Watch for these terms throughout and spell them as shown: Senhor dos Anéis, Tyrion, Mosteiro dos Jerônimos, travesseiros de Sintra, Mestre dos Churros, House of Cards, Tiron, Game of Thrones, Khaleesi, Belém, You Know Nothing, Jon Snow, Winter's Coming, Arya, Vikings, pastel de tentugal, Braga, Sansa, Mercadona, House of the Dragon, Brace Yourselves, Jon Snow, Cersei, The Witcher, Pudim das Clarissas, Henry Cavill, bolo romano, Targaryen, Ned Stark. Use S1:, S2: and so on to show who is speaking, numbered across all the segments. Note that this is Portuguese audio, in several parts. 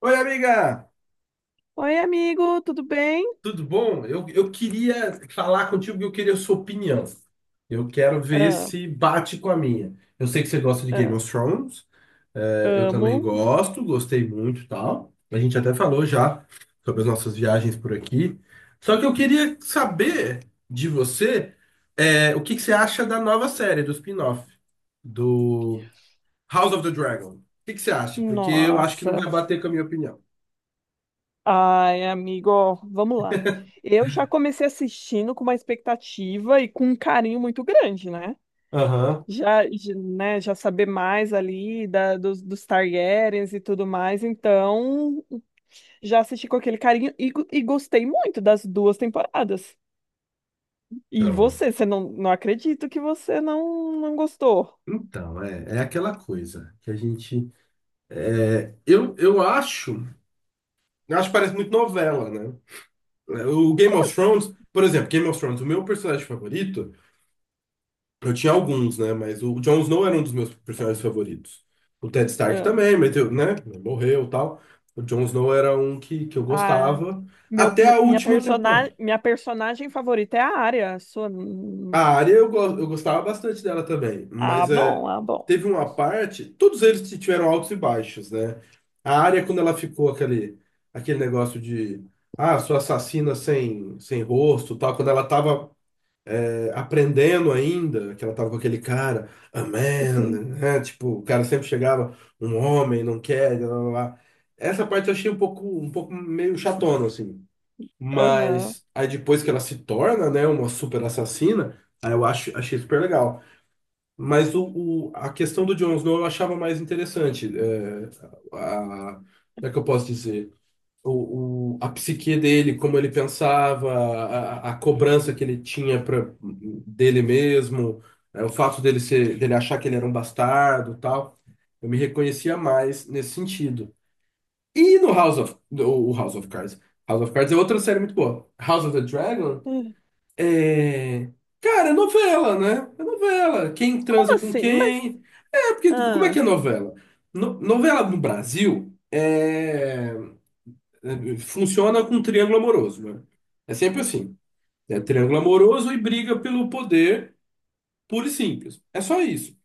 S1: Oi, amiga,
S2: Oi, amigo, tudo bem?
S1: tudo bom? Eu queria falar contigo que eu queria a sua opinião. Eu quero ver
S2: Ah,
S1: se bate com a minha. Eu sei que você gosta de Game
S2: ah,
S1: of Thrones, eu
S2: amo.
S1: também gosto, gostei muito e tal. A gente até falou já sobre as nossas viagens por aqui. Só que eu queria saber de você, o que que você acha da nova série, do spin-off, do House of the Dragon. O que que você acha? Porque eu acho que não vai
S2: Nossa.
S1: bater com a minha opinião.
S2: Ai, amigo, ó, vamos lá. Eu já comecei assistindo com uma expectativa e com um carinho muito grande, né?
S1: Aham.
S2: Já saber mais ali dos Targaryens e tudo mais, então já assisti com aquele carinho e gostei muito das duas temporadas. E você não acredito que você não gostou.
S1: Então, é aquela coisa que a gente. Eu acho. Eu acho que parece muito novela, né? O Game
S2: Como
S1: of
S2: assim?
S1: Thrones, por exemplo, Game of Thrones, o meu personagem favorito, eu tinha alguns, né? Mas o Jon Snow era um dos meus personagens favoritos. O Ted Stark também, meteu, né? Morreu e tal. O Jon Snow era um que eu
S2: Ah,
S1: gostava. Até a última temporada.
S2: minha personagem favorita é a Arya. A sua...
S1: A área eu gostava bastante dela também,
S2: ah,
S1: mas
S2: bom, ah, bom.
S1: teve uma parte, todos eles tiveram altos e baixos, né? A área, quando ela ficou aquele, negócio de, ah, sou assassina sem rosto, tal, quando ela tava aprendendo ainda, que ela tava com aquele cara, a man,
S2: Sim.
S1: né? Tipo, o cara sempre chegava, um homem, não quer, blá, blá, blá. Essa parte eu achei um pouco meio chatona, assim.
S2: Aham.
S1: Mas aí depois que ela se torna, né, uma super assassina, achei super legal. Mas a questão do Jon Snow eu achava mais interessante. Como é que eu posso dizer? A psique dele, como ele pensava, a cobrança que ele tinha pra, dele mesmo, o fato dele ser, dele achar que ele era um bastardo, e tal. Eu me reconhecia mais nesse sentido. E no House of, o House of Cards. House of Cards é outra série muito boa. House of the Dragon
S2: Hum,
S1: é. Cara, é novela, né? É novela. Quem
S2: como
S1: transa com
S2: assim? Mas...
S1: quem. É, porque como é que
S2: Ah,
S1: é novela? Novela no Brasil é... funciona com triângulo amoroso, né? É sempre assim. É triângulo amoroso e briga pelo poder, puro e simples. É só isso.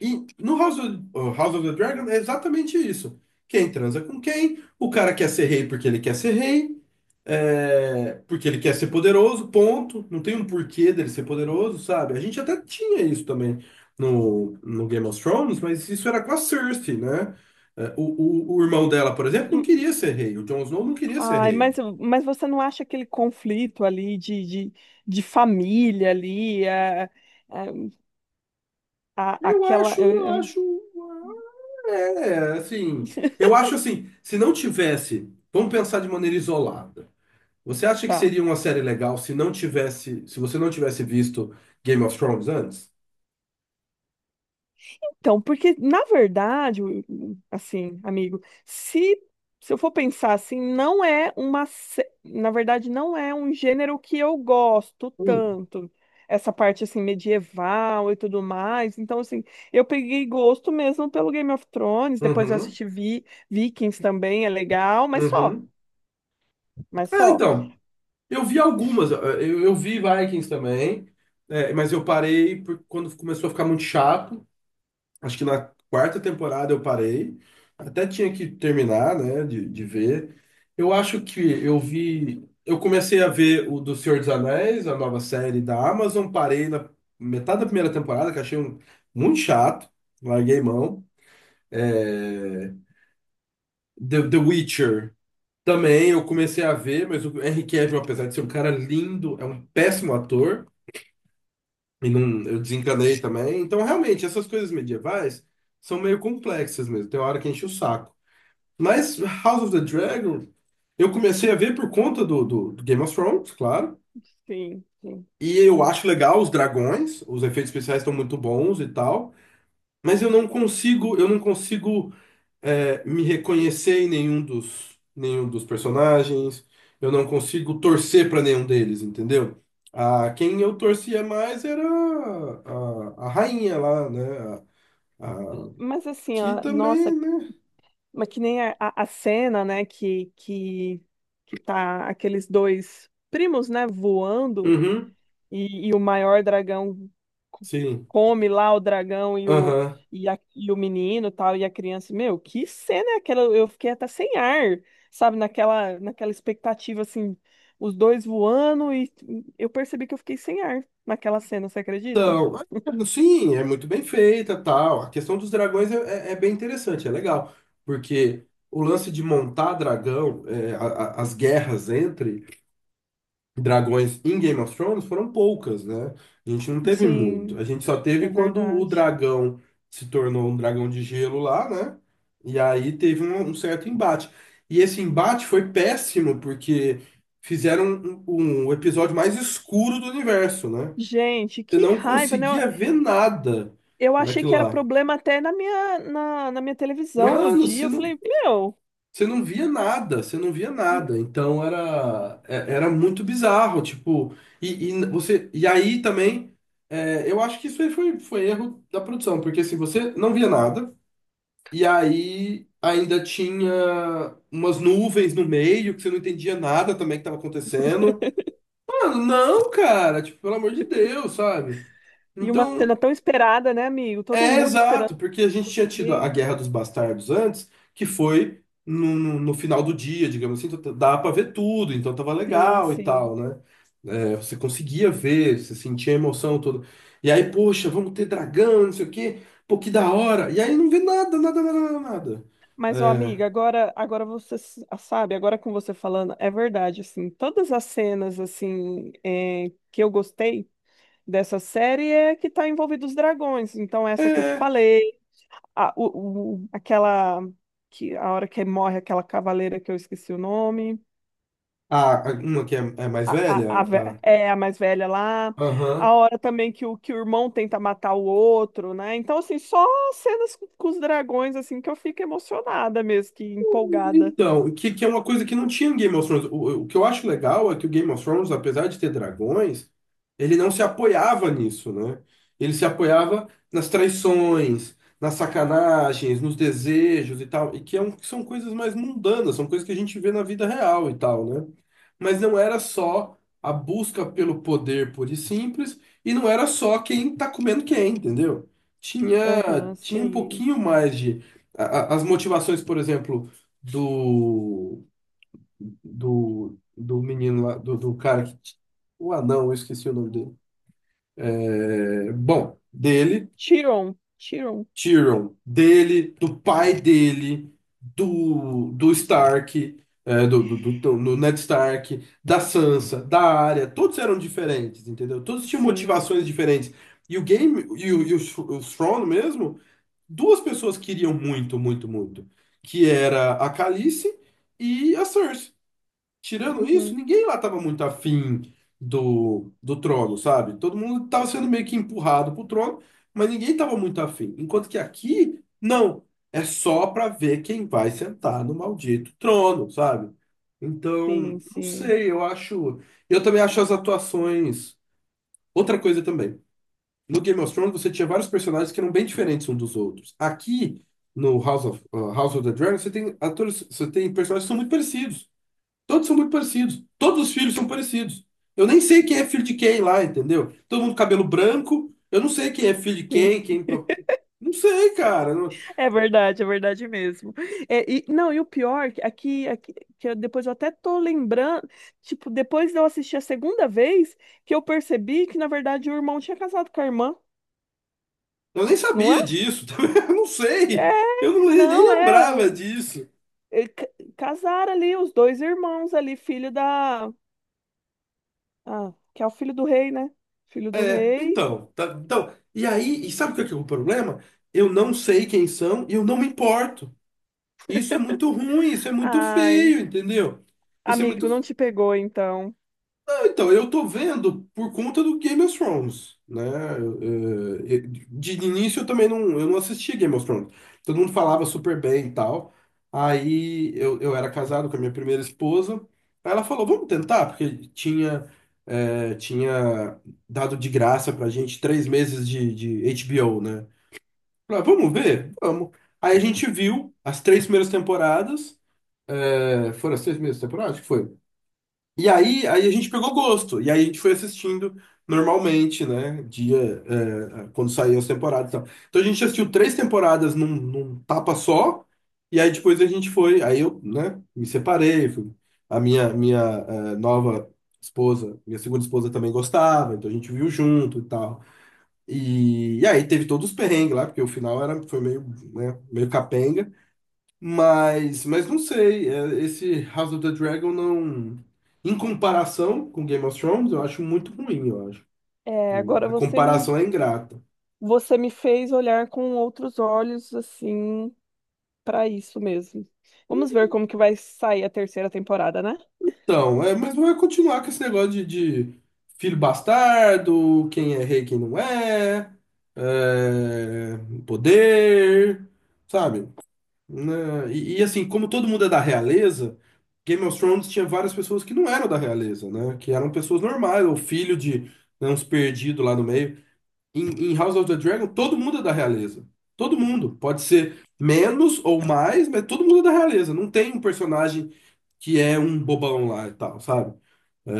S1: E no House of, oh, House of the Dragon é exatamente isso. Quem transa com quem, o cara quer ser rei porque ele quer ser rei, porque ele quer ser poderoso, ponto. Não tem um porquê dele ser poderoso, sabe? A gente até tinha isso também no Game of Thrones, mas isso era com a Cersei, né? É, o irmão dela, por exemplo, não
S2: hum,
S1: queria ser rei. O Jon Snow não queria ser
S2: ai,
S1: rei.
S2: mas você não acha aquele conflito ali de família ali? É, é, a,
S1: Eu
S2: aquela.
S1: acho, eu
S2: Eu-
S1: acho, é, assim, eu acho assim, se não tivesse, vamos pensar de maneira isolada. Você acha que
S2: Tá.
S1: seria uma série legal se não tivesse, se você não tivesse visto Game of Thrones antes?
S2: Então, porque, na verdade, assim, amigo, se eu for pensar assim, não é uma. Sé- na verdade, não é um gênero que eu gosto
S1: Hum.
S2: tanto. Essa parte, assim, medieval e tudo mais. Então, assim, eu peguei gosto mesmo pelo Game of Thrones. Depois eu
S1: Uhum,
S2: assisti Vikings também, é legal, mas só.
S1: uhum.
S2: Mas
S1: É,
S2: só.
S1: então, eu vi algumas, eu vi Vikings também, mas eu parei quando começou a ficar muito chato. Acho que na quarta temporada eu parei. Até tinha que terminar, né, de ver. Eu acho que eu vi. Eu comecei a ver o do Senhor dos Anéis, a nova série da Amazon. Parei na metade da primeira temporada, que achei muito chato. Larguei mão. É, The Witcher também eu comecei a ver, mas o Henry Cavill, apesar de ser um cara lindo, é um péssimo ator. E não, eu desencanei também. Então, realmente, essas coisas medievais são meio complexas mesmo. Tem hora que enche o saco. Mas House of the Dragon, eu comecei a ver por conta do Game of Thrones, claro.
S2: Sim, sim.
S1: E eu acho legal os dragões, os efeitos especiais estão muito bons e tal. Mas eu não consigo me reconhecer nenhum dos personagens. Eu não consigo torcer para nenhum deles, entendeu? A, quem eu torcia mais era a rainha lá, né? A, a-
S2: Mas, assim,
S1: que
S2: ó, nossa.
S1: também, né?
S2: Mas que nem a cena, né, que tá aqueles dois primos, né, voando
S1: Uhum,
S2: e o maior dragão co-
S1: sim.
S2: come lá o dragão e o,
S1: Aham.
S2: e, a- e o menino tal, e a criança. Meu, que cena é aquela? Eu fiquei até sem ar, sabe, naquela expectativa, assim, os dois voando e eu percebi que eu fiquei sem ar naquela cena, você acredita?
S1: Então, é, sim, é muito bem feita, tal. A questão dos dragões é bem interessante, é legal, porque o lance de montar dragão, é, as guerras entre dragões em Game of Thrones foram poucas, né? A gente não teve muito.
S2: Sim,
S1: A gente só teve
S2: é
S1: quando o
S2: verdade.
S1: dragão se tornou um dragão de gelo lá, né? E aí teve um certo embate. E esse embate foi péssimo, porque fizeram um episódio mais escuro do universo, né?
S2: Gente,
S1: Você
S2: que
S1: não
S2: raiva, né?
S1: conseguia ver nada
S2: Eu achei
S1: naquilo
S2: que era
S1: lá.
S2: problema até na minha televisão no
S1: Mano,
S2: dia. Eu falei, meu...
S1: você não via nada, você não via nada. Então era, era muito bizarro, tipo, você, e aí também, eu acho que isso aí foi, foi erro da produção, porque assim, você não via nada, e aí ainda tinha umas nuvens no meio, que você não entendia nada também que estava acontecendo. Mano, não, cara, tipo, pelo amor de Deus, sabe?
S2: E uma
S1: Então,
S2: cena tão esperada, né, amigo? Todo
S1: é,
S2: mundo esperando.
S1: exato, porque a gente
S2: Meu,
S1: tinha tido a Guerra dos Bastardos antes, que foi no final do dia, digamos assim, então dá pra ver tudo, então tava
S2: sim,
S1: legal e
S2: sim.
S1: tal, né? É, você conseguia ver, você sentia a emoção toda. E aí, poxa, vamos ter dragão, não sei o quê, pô, que da hora. E aí não vê nada, nada, nada, nada, nada.
S2: Mas, ó, amiga, agora você sabe, agora com você falando, é verdade, assim, todas as cenas, assim, é, que eu gostei dessa série é que tá envolvido os dragões. Então,
S1: É,
S2: essa que eu te
S1: é.
S2: falei, aquela, que, a hora que morre aquela cavaleira que eu esqueci o nome.
S1: Uma que é mais velha,
S2: É a mais velha lá,
S1: aham,
S2: a hora também que o irmão tenta matar o outro, né? Então, assim, só cenas com os dragões, assim, que eu fico emocionada mesmo, que empolgada.
S1: então, que é uma coisa que não tinha em Game of Thrones. O que eu acho legal é que o Game of Thrones, apesar de ter dragões, ele não se apoiava nisso, né? Ele se apoiava nas traições, nas sacanagens, nos desejos e tal, e que é que são coisas mais mundanas, são coisas que a gente vê na vida real e tal, né? Mas não era só a busca pelo poder pura e simples, e não era só quem tá comendo quem, entendeu? Tinha,
S2: Aham,
S1: tinha um
S2: sim.
S1: pouquinho mais de. a- as motivações, por exemplo do, do menino lá, do cara que. O anão, eu esqueci o nome dele. É, bom, dele,
S2: Tiron,
S1: Tyrion, dele, do pai dele, do, do Stark, do Ned Stark, da Sansa, da Arya, todos eram diferentes, entendeu? Todos tinham
S2: sim.
S1: motivações diferentes. E o game, e o, Sh- o Thrawn mesmo, duas pessoas queriam muito, muito, muito, que era a Khaleesi e a Cersei. Tirando isso,
S2: Uhum,
S1: ninguém lá estava muito afim do trono, sabe? Todo mundo estava sendo meio que empurrado pro trono, mas ninguém estava muito afim. Enquanto que aqui, não. É só para ver quem vai sentar no maldito trono, sabe? Então,
S2: sim,
S1: não
S2: sim,
S1: sei, eu acho. Eu também acho as atuações. Outra coisa também. No Game of Thrones você tinha vários personagens que eram bem diferentes uns dos outros. Aqui, no House of the Dragon, você tem atores, você tem personagens que são muito parecidos. Todos são muito parecidos. Todos os filhos são parecidos. Eu nem sei quem é filho de quem lá, entendeu? Todo mundo com cabelo branco. Eu não sei quem é filho de
S2: sim.
S1: quem, quem. Não sei, cara.
S2: É verdade mesmo. É, e, não, e o pior, que aqui, depois eu até tô lembrando, tipo, depois de eu assistir a segunda vez, que eu percebi que, na verdade, o irmão tinha casado com a irmã,
S1: Eu nem
S2: não é?
S1: sabia disso. Também eu não
S2: É,
S1: sei. Eu nem
S2: não, é
S1: lembrava
S2: um...
S1: disso.
S2: ele ca- Casaram ali os dois irmãos ali, filho da... Ah, que é o filho do rei, né? Filho do
S1: É,
S2: rei.
S1: então, então. E aí, e sabe o que é o problema? Eu não sei quem são e eu não me importo. Isso é muito ruim, isso é muito
S2: Ai,
S1: feio, entendeu? Isso é muito.
S2: amigo, não te pegou, então.
S1: Então, eu tô vendo por conta do Game of Thrones, né? Eh, De início eu também não, eu não assistia Game of Thrones. Todo mundo falava super bem e tal. Aí eu era casado com a minha primeira esposa. Aí ela falou, vamos tentar, porque tinha dado de graça pra gente 3 meses de HBO, né? Falei, "Ah, vamos ver? Vamos. Aí a gente viu as três primeiras temporadas. Foram as três primeiras temporadas? Acho que foi. E aí a gente pegou gosto, e aí a gente foi assistindo normalmente, né? Dia, quando saíam as temporadas e tal. Então a gente assistiu três temporadas num tapa só, e aí depois a gente foi, aí eu, né, me separei, a minha, minha, é, nova esposa, minha segunda esposa também gostava, então a gente viu junto e tal. E aí teve todos os perrengues lá, porque o final era, foi meio, né, meio capenga. Mas não sei, esse House of the Dragon não. Em comparação com Game of Thrones, eu acho muito ruim, eu acho.
S2: É,
S1: E
S2: agora
S1: a
S2: você,
S1: comparação é ingrata.
S2: você me fez olhar com outros olhos, assim... Pra isso mesmo. Vamos ver como que vai sair a terceira temporada, né?
S1: Então, é, mas vai continuar com esse negócio de filho bastardo, quem é rei, quem não é, é, poder, sabe? Né? E assim, como todo mundo é da realeza, Game of Thrones tinha várias pessoas que não eram da realeza, né? Que eram pessoas normais, ou filho de né, uns perdidos lá no meio. Em House of the Dragon, todo mundo é da realeza. Todo mundo. Pode ser menos ou mais, mas todo mundo é da realeza. Não tem um personagem que é um bobão lá e tal, sabe? É,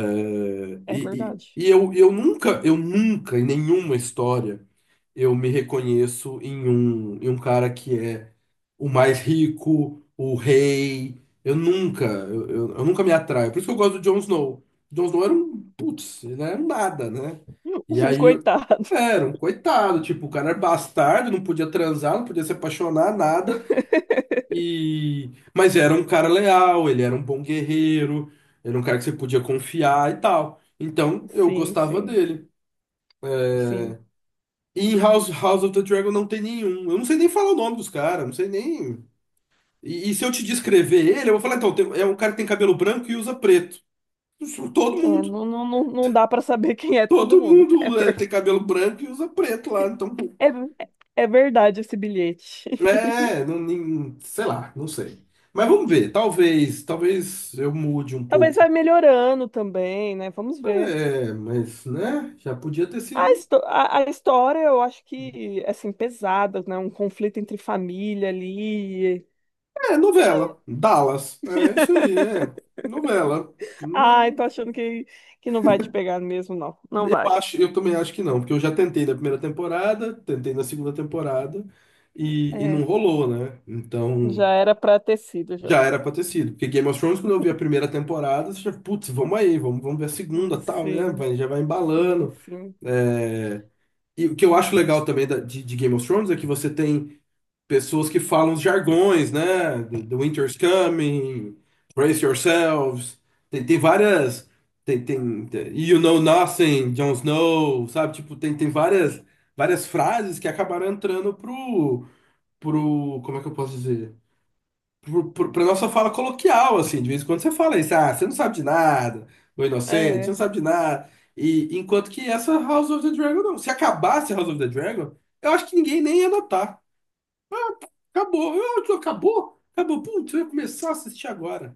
S2: É
S1: e,
S2: verdade.
S1: e, e eu, eu nunca, eu nunca, em nenhuma história eu me reconheço em um cara que é o mais rico, o rei. Eu nunca, eu nunca me atraio. Por isso que eu gosto do Jon Snow. Jon Snow era um, putz, ele era um nada, né? E
S2: Um
S1: aí,
S2: coitado.
S1: era um coitado, tipo, o cara era bastardo, não podia transar, não podia se apaixonar, nada. E... Mas era um cara leal, ele era um bom guerreiro, era um cara que você podia confiar e tal. Então, eu
S2: Sim,
S1: gostava
S2: sim,
S1: dele.
S2: sim.
S1: E House of the Dragon não tem nenhum. Eu não sei nem falar o nome dos caras, não sei nem. E se eu te descrever ele, eu vou falar, então, é um cara que tem cabelo branco e usa preto. Isso, todo
S2: É,
S1: mundo.
S2: não, não dá pra saber quem é todo
S1: Todo
S2: mundo. É,
S1: mundo é,
S2: verdade.
S1: tem cabelo branco e usa preto lá. Então, pô,
S2: É, é verdade esse bilhete.
S1: é, não, sei lá, não sei. Mas vamos ver, talvez, talvez eu mude um
S2: Talvez
S1: pouco.
S2: vai melhorando também, né? Vamos ver.
S1: É, mas, né, já podia ter sido.
S2: A história, eu acho que, assim, pesada, né? Um conflito entre família ali.
S1: É, novela. Dallas. É isso aí, é. Novela.
S2: Ai, tô
S1: Não-
S2: achando que não vai te pegar mesmo, não. Não
S1: Eu
S2: vai.
S1: acho, eu também acho que não, porque eu já tentei na primeira temporada, tentei na segunda temporada e não
S2: É,
S1: rolou, né? Então
S2: já era pra ter sido, já.
S1: já era pra ter sido. Porque Game of Thrones, quando eu vi a primeira temporada, você já, putz, vamos aí, vamos, vamos ver a segunda, tal, né?
S2: Sim,
S1: Vai, já vai
S2: sim,
S1: embalando.
S2: sim.
S1: É, e o que eu acho legal também de Game of Thrones é que você tem pessoas que falam os jargões, né? Do the Winter's Coming, Brace Yourselves. Tem, tem várias. You Know Nothing, Jon Snow, sabe? Tipo, tem, tem várias, várias frases que acabaram entrando pro. Como é que eu posso dizer? Pra nossa fala coloquial, assim. De vez em quando você fala isso, ah, você não sabe de nada, o inocente, você não
S2: É.
S1: sabe de nada. E enquanto que essa House of the Dragon não. Se acabasse House of the Dragon, eu acho que ninguém nem ia notar. Acabou, eu, tu acabou, acabou, putz, eu ia começar a assistir agora.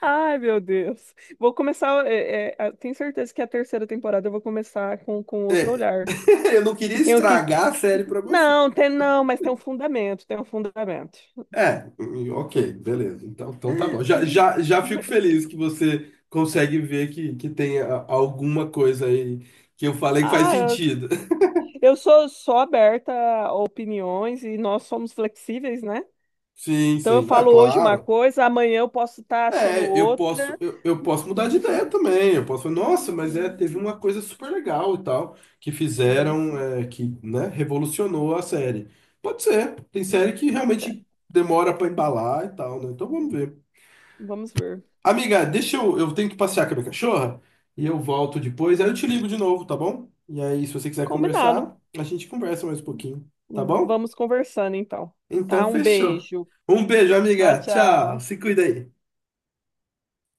S2: Ai, meu Deus. Vou começar. Tenho certeza que a terceira temporada eu vou começar com outro
S1: É,
S2: olhar.
S1: eu não queria
S2: Que tem o que.
S1: estragar a série pra você.
S2: Não, tem não, mas tem um fundamento, tem um fundamento.
S1: É, ok, beleza. Então, então tá bom. Já, já, já fico feliz que você consegue ver que tem alguma coisa aí que eu falei que faz
S2: Ah, eu,
S1: sentido.
S2: eu sou, sou aberta a opiniões e nós somos flexíveis, né?
S1: Sim,
S2: Então eu
S1: sim. Ah,
S2: falo hoje uma
S1: claro.
S2: coisa, amanhã eu posso estar achando
S1: É,
S2: outra.
S1: eu posso mudar de ideia também. Eu posso falar, nossa,
S2: Sim,
S1: mas é,
S2: sim,
S1: teve uma coisa super legal e tal, que
S2: sim,
S1: fizeram,
S2: sim.
S1: é, que, né, revolucionou a série. Pode ser, tem série que
S2: É,
S1: realmente demora pra embalar e tal, né? Então vamos ver.
S2: vamos ver.
S1: Amiga, deixa eu tenho que passear com a minha cachorra e eu volto depois, aí eu te ligo de novo, tá bom? E aí, se você quiser conversar,
S2: Combinado.
S1: a gente conversa mais um pouquinho, tá bom?
S2: Vamos conversando então. Tá?
S1: Então
S2: Um
S1: fechou.
S2: beijo.
S1: Um beijo,
S2: Tchau,
S1: amiga. Tchau.
S2: tchau.
S1: Se cuida aí.